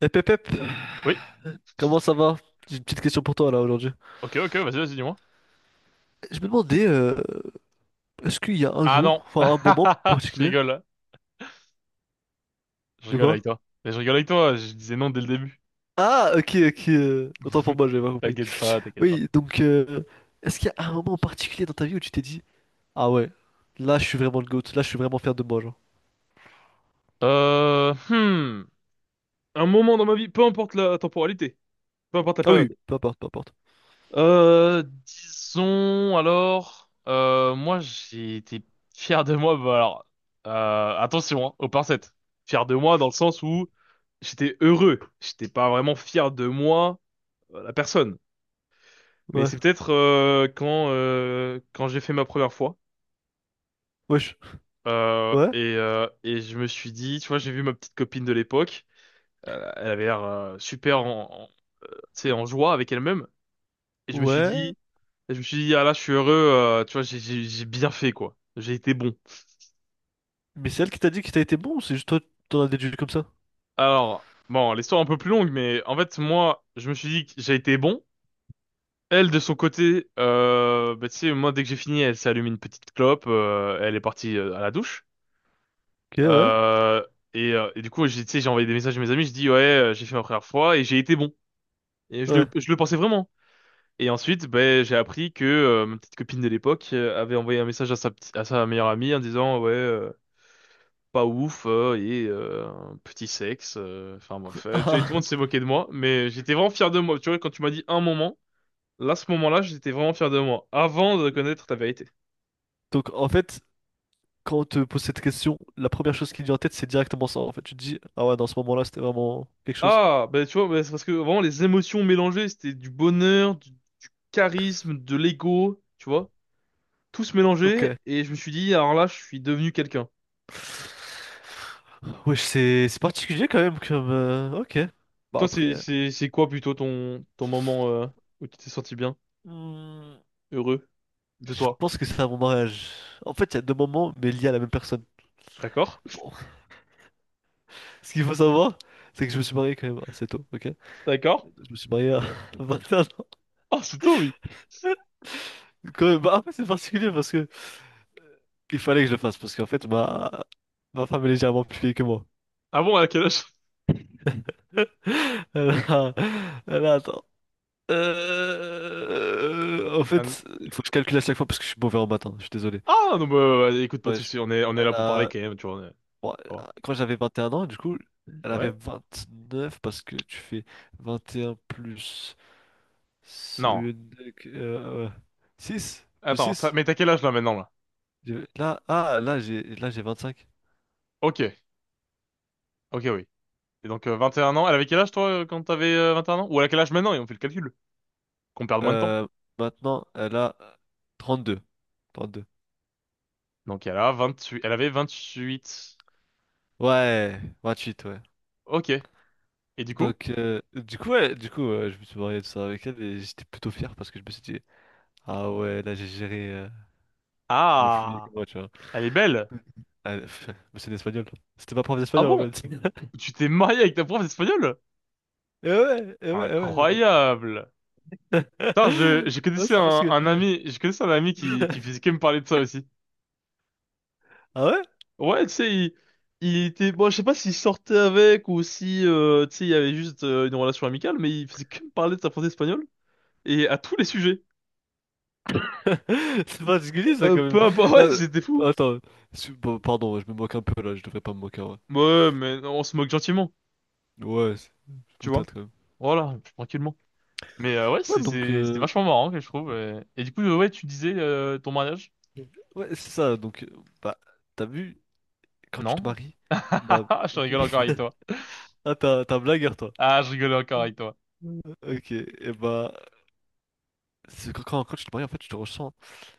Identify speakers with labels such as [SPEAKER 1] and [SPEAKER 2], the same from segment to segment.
[SPEAKER 1] Eh Pep, Pep,
[SPEAKER 2] Oui.
[SPEAKER 1] comment ça va? J'ai une petite question pour toi là aujourd'hui.
[SPEAKER 2] Ok, ok, vas-y, vas-y, dis-moi.
[SPEAKER 1] Je me demandais, est-ce qu'il y a un
[SPEAKER 2] Ah non.
[SPEAKER 1] jour, enfin un moment
[SPEAKER 2] Je
[SPEAKER 1] particulier?
[SPEAKER 2] rigole. Je
[SPEAKER 1] De
[SPEAKER 2] rigole avec
[SPEAKER 1] quoi?
[SPEAKER 2] toi. Mais je rigole avec toi, je disais non dès le début.
[SPEAKER 1] Ah, ok, ok, autant pour moi, j'avais pas compris.
[SPEAKER 2] T'inquiète pas, t'inquiète pas.
[SPEAKER 1] Oui, donc, est-ce qu'il y a un moment particulier dans ta vie où tu t'es dit, ah ouais, là je suis vraiment le GOAT, là je suis vraiment fier de moi, genre.
[SPEAKER 2] Hmm. Un moment dans ma vie, peu importe la temporalité, peu importe la
[SPEAKER 1] Ah oui,
[SPEAKER 2] période.
[SPEAKER 1] peu importe, peu importe.
[SPEAKER 2] Disons alors, moi j'ai été fier de moi, bah alors, attention, hein, aux pincettes. Fier de moi dans le sens où j'étais heureux, j'étais pas vraiment fier de moi, la personne. Mais
[SPEAKER 1] Ouais,
[SPEAKER 2] c'est peut-être quand quand j'ai fait ma première fois
[SPEAKER 1] wesh, ouais,
[SPEAKER 2] et je me suis dit, tu vois, j'ai vu ma petite copine de l'époque, elle avait l'air super euh, tu sais, en joie avec elle-même et je me suis
[SPEAKER 1] ouais.
[SPEAKER 2] dit, et je me suis dit ah là, je suis heureux, tu vois, j'ai bien fait quoi, j'ai été bon.
[SPEAKER 1] Mais c'est elle qui t'a dit que t'as été bon, ou c'est juste toi, t'en as déduit comme ça?
[SPEAKER 2] Alors bon, l'histoire est un peu plus longue, mais en fait moi, je me suis dit que j'ai été bon. Elle de son côté, bah, tu sais, moi dès que j'ai fini, elle s'est allumée une petite clope, elle est partie à la douche.
[SPEAKER 1] Ok, ouais,
[SPEAKER 2] Euh, et, et du coup, j'ai, tu sais, j'ai envoyé des messages à mes amis, je dis ouais, j'ai fait ma première fois et j'ai été bon. Et
[SPEAKER 1] ouais.
[SPEAKER 2] je le pensais vraiment. Et ensuite, ben, j'ai appris que ma petite copine de l'époque avait envoyé un message à à sa meilleure amie en disant ouais, pas ouf et un petit sexe. Enfin bref, tu vois, tout le
[SPEAKER 1] Ah,
[SPEAKER 2] monde s'est moqué de moi, mais j'étais vraiment fier de moi. Tu vois, quand tu m'as dit un moment, là, ce moment-là, j'étais vraiment fier de moi avant de connaître ta vérité.
[SPEAKER 1] donc en fait, quand on te pose cette question, la première chose qui te vient en tête, c'est directement ça, en fait. Tu te dis, ah ouais, dans ce moment-là, c'était vraiment quelque chose.
[SPEAKER 2] Ah, bah tu vois, bah, c'est parce que vraiment les émotions mélangées, c'était du bonheur, du charisme, de l'ego, tu vois, tout se
[SPEAKER 1] Ok.
[SPEAKER 2] mélangeait et je me suis dit, alors là, je suis devenu quelqu'un.
[SPEAKER 1] Wesh, c'est particulier quand même comme... Ok. Bah
[SPEAKER 2] Toi,
[SPEAKER 1] après...
[SPEAKER 2] c'est c'est c'est quoi plutôt ton moment où tu t'es senti bien,
[SPEAKER 1] hmm,
[SPEAKER 2] heureux de
[SPEAKER 1] je
[SPEAKER 2] toi?
[SPEAKER 1] pense que c'est à mon mariage. En fait, il y a deux moments, mais liés à la même personne.
[SPEAKER 2] D'accord?
[SPEAKER 1] Bon. Ce qu'il faut savoir, c'est que je me suis marié quand même assez tôt, ok?
[SPEAKER 2] D'accord?
[SPEAKER 1] Je me suis marié à 21 ans.
[SPEAKER 2] Ah, c'est toi, oui.
[SPEAKER 1] Quand même, bah après, c'est particulier parce que... Il fallait que je le fasse, parce qu'en fait, ma femme est légèrement plus vieille que moi.
[SPEAKER 2] Ah bon, à quel âge?
[SPEAKER 1] Alors, attends. En
[SPEAKER 2] Ah n-
[SPEAKER 1] fait, il faut que je calcule à chaque fois parce que je suis mauvais en matin, je suis désolé.
[SPEAKER 2] ah, non, bah, ouais, écoute, pas de
[SPEAKER 1] Ouais,
[SPEAKER 2] soucis, on est là
[SPEAKER 1] elle
[SPEAKER 2] pour parler
[SPEAKER 1] a-
[SPEAKER 2] quand même, tu vois.
[SPEAKER 1] bon,
[SPEAKER 2] Oh.
[SPEAKER 1] quand j'avais 21 ans, du coup, elle avait
[SPEAKER 2] Ouais?
[SPEAKER 1] 29 parce que tu fais 21 plus
[SPEAKER 2] Non.
[SPEAKER 1] 6 plus
[SPEAKER 2] Attends,
[SPEAKER 1] 6.
[SPEAKER 2] mais t'as quel âge là maintenant là?
[SPEAKER 1] Là, ah, là, j'ai 25.
[SPEAKER 2] Ok, ok, oui. Et donc, 21 ans. Elle avait quel âge, toi, quand t'avais 21 ans? Ou elle a quel âge maintenant? Et on fait le calcul. Qu'on perde moins de temps.
[SPEAKER 1] Euh, maintenant, elle a trente deux, 32.
[SPEAKER 2] Donc, elle a 28... Elle avait 28.
[SPEAKER 1] Ouais, 28, ouais.
[SPEAKER 2] Ok. Et du coup?
[SPEAKER 1] Donc, du coup, ouais, du coup je me suis marié tout ça avec elle et j'étais plutôt fier parce que je me suis dit, ah ouais, là j'ai géré le flux bien que
[SPEAKER 2] Ah!
[SPEAKER 1] moi, tu vois.
[SPEAKER 2] Elle est belle!
[SPEAKER 1] Ah, pff, mais c'est l'espagnol. C'était ma prof
[SPEAKER 2] Ah
[SPEAKER 1] d'espagnol
[SPEAKER 2] bon?
[SPEAKER 1] en fait.
[SPEAKER 2] Tu t'es marié avec ta prof d'espagnol?
[SPEAKER 1] Et ouais, et ouais, et
[SPEAKER 2] Incroyable! Putain,
[SPEAKER 1] ouais.
[SPEAKER 2] je
[SPEAKER 1] Non,
[SPEAKER 2] connaissais
[SPEAKER 1] c'est particulier.
[SPEAKER 2] un ami, je connaissais un ami qui faisait que me parler de ça aussi.
[SPEAKER 1] Ah ouais?
[SPEAKER 2] Ouais, tu sais, il était, bon, je sais pas s'il sortait avec ou si, tu sais, il y avait juste une relation amicale, mais il faisait que me parler de sa prof d'espagnol et à tous les sujets.
[SPEAKER 1] C'est particulier ça quand même.
[SPEAKER 2] Peu importe, ouais,
[SPEAKER 1] Non,
[SPEAKER 2] c'était
[SPEAKER 1] non,
[SPEAKER 2] fou.
[SPEAKER 1] attends, bon, pardon, je me moque un peu là, je devrais pas me moquer. Ouais,
[SPEAKER 2] Ouais, mais on se moque gentiment,
[SPEAKER 1] ouais c'est
[SPEAKER 2] tu
[SPEAKER 1] boutade
[SPEAKER 2] vois.
[SPEAKER 1] quand même.
[SPEAKER 2] Voilà, tranquillement. Mais ouais,
[SPEAKER 1] Ouais, donc,
[SPEAKER 2] c'était vachement marrant que je trouve. Et du coup, ouais, tu disais ton mariage?
[SPEAKER 1] ouais, c'est ça. Donc, bah, t'as vu, quand tu te
[SPEAKER 2] Non?
[SPEAKER 1] maries, bah,
[SPEAKER 2] Je
[SPEAKER 1] ok.
[SPEAKER 2] rigole encore avec toi.
[SPEAKER 1] Ah, t'as un blagueur, toi.
[SPEAKER 2] Ah, je rigole encore avec toi.
[SPEAKER 1] Ok, et bah, c'est quand tu te maries, en fait, tu te ressens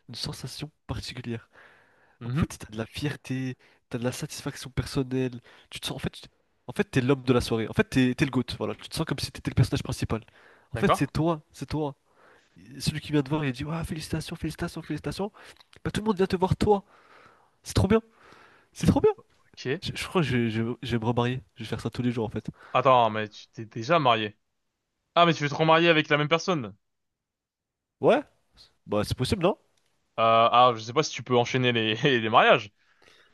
[SPEAKER 1] une sensation particulière. En fait,
[SPEAKER 2] Mhm.
[SPEAKER 1] t'as de la fierté, t'as de la satisfaction personnelle. Tu te sens, en fait, en fait, t'es l'homme de la soirée. En fait, t'es le GOAT, voilà. Tu te sens comme si t'étais le personnage principal. En fait,
[SPEAKER 2] D'accord.
[SPEAKER 1] c'est toi, c'est toi. Et celui qui vient te voir, il dit, ouais, félicitations, félicitations, félicitations. Bah, tout le monde vient te voir, toi. C'est trop bien, c'est trop bien.
[SPEAKER 2] Ok.
[SPEAKER 1] Je crois que je vais me remarier. Je vais faire ça tous les jours, en fait.
[SPEAKER 2] Attends, mais tu t'es déjà marié. Ah, mais tu veux te remarier avec la même personne.
[SPEAKER 1] Ouais, bah, c'est possible, non?
[SPEAKER 2] Je sais pas si tu peux enchaîner les les mariages.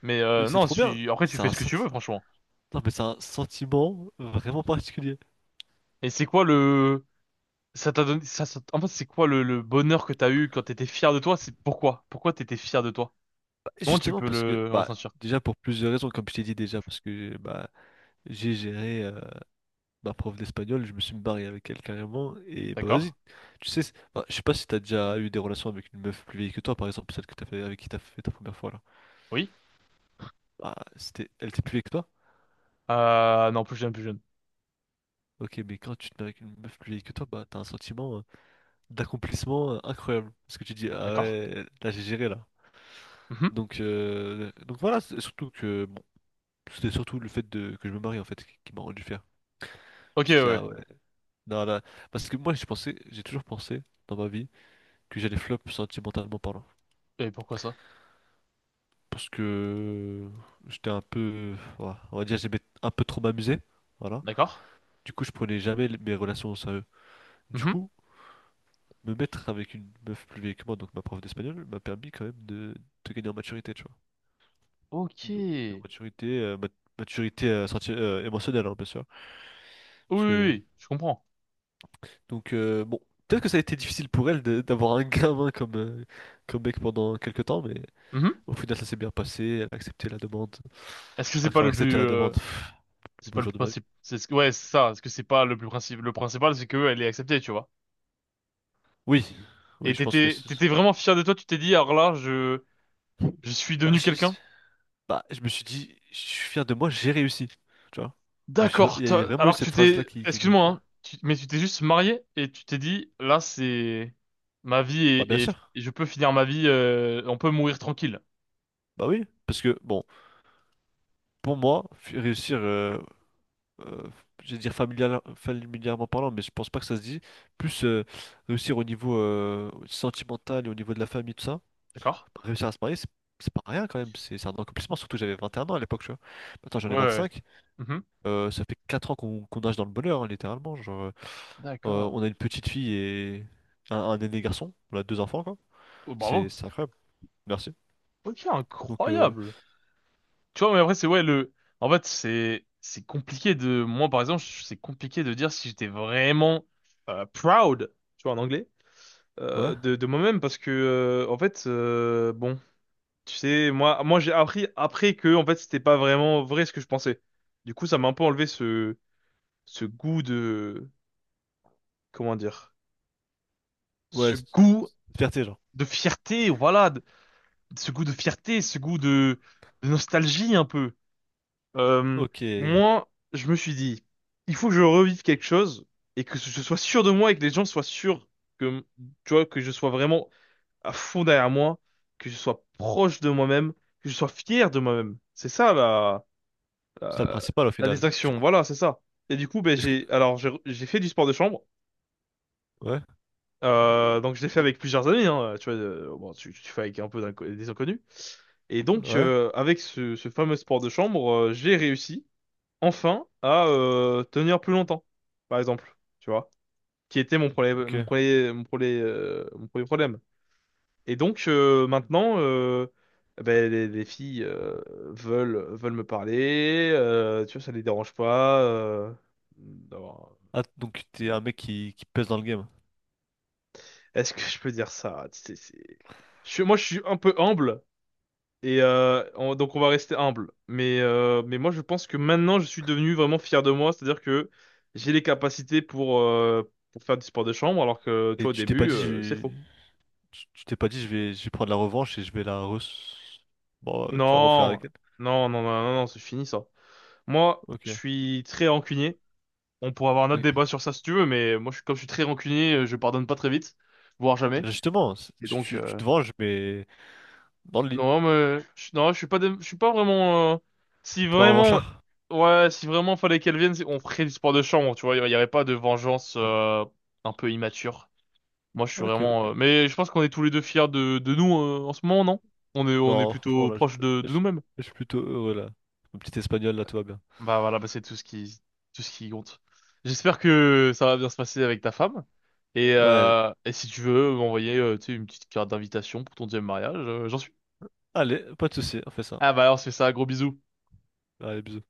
[SPEAKER 2] Mais
[SPEAKER 1] Mais c'est
[SPEAKER 2] non,
[SPEAKER 1] trop bien.
[SPEAKER 2] si... après tu
[SPEAKER 1] C'est
[SPEAKER 2] fais
[SPEAKER 1] un
[SPEAKER 2] ce que tu
[SPEAKER 1] sentiment.
[SPEAKER 2] veux, franchement.
[SPEAKER 1] Non, mais c'est un sentiment vraiment particulier.
[SPEAKER 2] Et c'est quoi le Ça t'a donné, en fait, c'est quoi le bonheur que t'as eu quand t'étais fier de toi? C'est pourquoi? Pourquoi t'étais fier de toi?
[SPEAKER 1] Bah,
[SPEAKER 2] Comment tu
[SPEAKER 1] justement
[SPEAKER 2] peux
[SPEAKER 1] parce que,
[SPEAKER 2] le
[SPEAKER 1] bah,
[SPEAKER 2] ressentir?
[SPEAKER 1] déjà pour plusieurs raisons, comme je t'ai dit déjà, parce que bah, j'ai géré ma prof d'espagnol, je me suis marié avec elle carrément, et bah
[SPEAKER 2] D'accord?
[SPEAKER 1] vas-y, tu sais, bah, je sais pas si t'as déjà eu des relations avec une meuf plus vieille que toi, par exemple, celle que t'as fait, avec qui t'as fait ta première fois là.
[SPEAKER 2] Oui?
[SPEAKER 1] Bah, c'était, elle était plus vieille que toi?
[SPEAKER 2] Non, plus jeune, plus jeune.
[SPEAKER 1] Ok, mais quand tu te mets avec une meuf plus vieille que toi, bah t'as un sentiment d'accomplissement incroyable. Parce que tu dis, ah
[SPEAKER 2] D'accord?
[SPEAKER 1] ouais, là j'ai géré là.
[SPEAKER 2] Mhm.
[SPEAKER 1] Donc voilà, surtout que, bon, c'était surtout le fait de, que je me marie en fait qui m'a rendu fier.
[SPEAKER 2] Ok,
[SPEAKER 1] Je me suis dit,
[SPEAKER 2] ouais.
[SPEAKER 1] ah ouais, non, là, parce que moi j'ai pensé, j'ai toujours pensé dans ma vie que j'allais flop sentimentalement parlant.
[SPEAKER 2] Ouais. Et pourquoi ça?
[SPEAKER 1] Parce que j'étais un peu, voilà, on va dire, j'aimais un peu trop m'amuser. Voilà.
[SPEAKER 2] D'accord?
[SPEAKER 1] Du coup, je prenais jamais mes relations au sérieux. Du
[SPEAKER 2] Mhm.
[SPEAKER 1] coup, me mettre avec une meuf plus vieille que moi, donc ma prof d'espagnol, m'a permis quand même de gagner en maturité, tu vois.
[SPEAKER 2] Ok.
[SPEAKER 1] De- de
[SPEAKER 2] Oui,
[SPEAKER 1] maturité, maturité émotionnelle, hein, bien sûr.
[SPEAKER 2] oui,
[SPEAKER 1] Parce
[SPEAKER 2] oui,
[SPEAKER 1] que
[SPEAKER 2] oui. Je comprends.
[SPEAKER 1] Donc bon, peut-être que ça a été difficile pour elle d'avoir un gamin comme, comme mec pendant quelques temps, mais
[SPEAKER 2] Mhm.
[SPEAKER 1] au final ça s'est bien passé, elle a accepté la demande.
[SPEAKER 2] Est-ce que c'est
[SPEAKER 1] Ah,
[SPEAKER 2] pas
[SPEAKER 1] quand elle a
[SPEAKER 2] le
[SPEAKER 1] accepté
[SPEAKER 2] plus,
[SPEAKER 1] la demande, pff, le
[SPEAKER 2] c'est
[SPEAKER 1] beau
[SPEAKER 2] pas le
[SPEAKER 1] jour
[SPEAKER 2] plus
[SPEAKER 1] de ma vie.
[SPEAKER 2] principe, ouais, c'est ça. Est-ce que c'est pas le plus principal? Le principal, c'est que elle est acceptée, tu vois.
[SPEAKER 1] Oui, oui,
[SPEAKER 2] Et
[SPEAKER 1] je pense que...
[SPEAKER 2] t'étais, t'étais vraiment fier de toi. Tu t'es dit, alors là, je suis
[SPEAKER 1] Bah,
[SPEAKER 2] devenu quelqu'un.
[SPEAKER 1] je me suis dit, je suis fier de moi, j'ai réussi. Tu vois?
[SPEAKER 2] D'accord.
[SPEAKER 1] Il y a vraiment eu
[SPEAKER 2] Alors que tu
[SPEAKER 1] cette phrase-là
[SPEAKER 2] t'es,
[SPEAKER 1] qui est venue,
[SPEAKER 2] excuse-moi,
[SPEAKER 1] tu vois.
[SPEAKER 2] hein, mais tu t'es juste marié et tu t'es dit, là, c'est ma vie
[SPEAKER 1] Bah bien
[SPEAKER 2] et
[SPEAKER 1] sûr,
[SPEAKER 2] et je peux finir ma vie, on peut mourir tranquille.
[SPEAKER 1] bah oui, parce que bon, pour moi, réussir, euh, je vais dire familièrement parlant, mais je pense pas que ça se dit. Plus réussir au niveau sentimental et au niveau de la famille, tout ça.
[SPEAKER 2] D'accord?
[SPEAKER 1] Réussir à se marier, c'est pas rien quand même. C'est un accomplissement, surtout que j'avais 21 ans à l'époque, tu vois. Maintenant j'en
[SPEAKER 2] Ouais,
[SPEAKER 1] ai
[SPEAKER 2] ouais.
[SPEAKER 1] 25.
[SPEAKER 2] Mhm.
[SPEAKER 1] Ça fait 4 ans qu'on nage dans le bonheur, hein, littéralement. Genre,
[SPEAKER 2] D'accord.
[SPEAKER 1] on a une petite fille et un aîné garçon. On a deux enfants, quoi.
[SPEAKER 2] Oh,
[SPEAKER 1] C'est
[SPEAKER 2] bravo.
[SPEAKER 1] c'est incroyable. Merci.
[SPEAKER 2] Ok,
[SPEAKER 1] Donc,
[SPEAKER 2] incroyable. Tu vois, mais après, c'est ouais, en fait, c'est compliqué de, moi, par exemple, c'est compliqué de dire si j'étais vraiment proud, tu vois, en anglais,
[SPEAKER 1] ouais.
[SPEAKER 2] de moi-même parce que, en fait, bon. Tu sais, moi j'ai appris après que en fait c'était pas vraiment vrai ce que je pensais. Du coup, ça m'a un peu enlevé ce goût de comment dire,
[SPEAKER 1] Ouais,
[SPEAKER 2] ce goût
[SPEAKER 1] fierté, genre.
[SPEAKER 2] de fierté, ce goût de fierté, de nostalgie un peu. Euh,
[SPEAKER 1] Ok. C'est
[SPEAKER 2] moi, je me suis dit, il faut que je revive quelque chose et que je sois sûr de moi et que les gens soient sûrs que tu vois que je sois vraiment à fond derrière moi, que je sois proche de moi-même, que je sois fier de moi-même. C'est ça là
[SPEAKER 1] ça le
[SPEAKER 2] euh,
[SPEAKER 1] principal au
[SPEAKER 2] la
[SPEAKER 1] final. Du
[SPEAKER 2] distraction,
[SPEAKER 1] coup,
[SPEAKER 2] voilà, c'est ça. Et du coup, ben,
[SPEAKER 1] est-ce que.
[SPEAKER 2] j'ai, alors, j'ai fait du sport de chambre.
[SPEAKER 1] Ouais,
[SPEAKER 2] Donc, je l'ai fait avec plusieurs amis, hein, tu vois, bon, tu fais avec un peu des inconnus. Et donc,
[SPEAKER 1] ouais,
[SPEAKER 2] avec ce fameux sport de chambre, j'ai réussi, enfin, à tenir plus longtemps, par exemple, tu vois, qui était mon problème,
[SPEAKER 1] ok.
[SPEAKER 2] mon premier problème. Et donc maintenant, ben, les filles veulent me parler. Tu vois, ça les dérange pas. D'avoir-
[SPEAKER 1] Ah, donc t'es un mec qui pèse dans le game.
[SPEAKER 2] Est-ce que je peux dire ça? Moi, je suis un peu humble et donc on va rester humble. Mais moi, je pense que maintenant, je suis devenu vraiment fier de moi. C'est-à-dire que j'ai les capacités pour faire du sport de chambre, alors que tu
[SPEAKER 1] Et
[SPEAKER 2] vois, au
[SPEAKER 1] tu t'es pas
[SPEAKER 2] début,
[SPEAKER 1] dit, je
[SPEAKER 2] c'est
[SPEAKER 1] vais...
[SPEAKER 2] faux.
[SPEAKER 1] tu t'es pas dit, je vais prendre la revanche et je vais la re... Bon, tu vas refaire
[SPEAKER 2] Non,
[SPEAKER 1] avec elle.
[SPEAKER 2] non, non, non, non, non, c'est fini ça. Moi,
[SPEAKER 1] Ok.
[SPEAKER 2] je suis très rancunier. On pourrait avoir un autre
[SPEAKER 1] Oui.
[SPEAKER 2] débat sur ça si tu veux, mais moi, comme je suis très rancunier, je pardonne pas très vite, voire jamais.
[SPEAKER 1] Mais justement,
[SPEAKER 2] Et donc,
[SPEAKER 1] tu te venges, mais dans le lit.
[SPEAKER 2] non, non, je suis pas vraiment. Si
[SPEAKER 1] T'es pas
[SPEAKER 2] vraiment,
[SPEAKER 1] revanchard?
[SPEAKER 2] ouais, si vraiment fallait qu'elle vienne, on ferait du sport de chambre, tu vois. Il y aurait pas de vengeance un peu immature. Moi, je suis
[SPEAKER 1] Ok,
[SPEAKER 2] vraiment.
[SPEAKER 1] ok.
[SPEAKER 2] Mais je pense qu'on est tous les deux fiers de nous en ce moment, non? On est
[SPEAKER 1] Non, franchement,
[SPEAKER 2] plutôt
[SPEAKER 1] là,
[SPEAKER 2] proche de
[SPEAKER 1] je-
[SPEAKER 2] nous-mêmes.
[SPEAKER 1] je suis plutôt heureux, là. Mon petit espagnol, là, tout va bien.
[SPEAKER 2] Bah voilà, bah c'est tout ce qui compte. J'espère que ça va bien se passer avec ta femme.
[SPEAKER 1] Ouais,
[SPEAKER 2] Et si tu veux m'envoyer tu sais, une petite carte d'invitation pour ton deuxième mariage, j'en suis.
[SPEAKER 1] allez, pas de soucis, on fait ça.
[SPEAKER 2] Ah bah alors c'est ça, gros bisous.
[SPEAKER 1] Allez, bisous.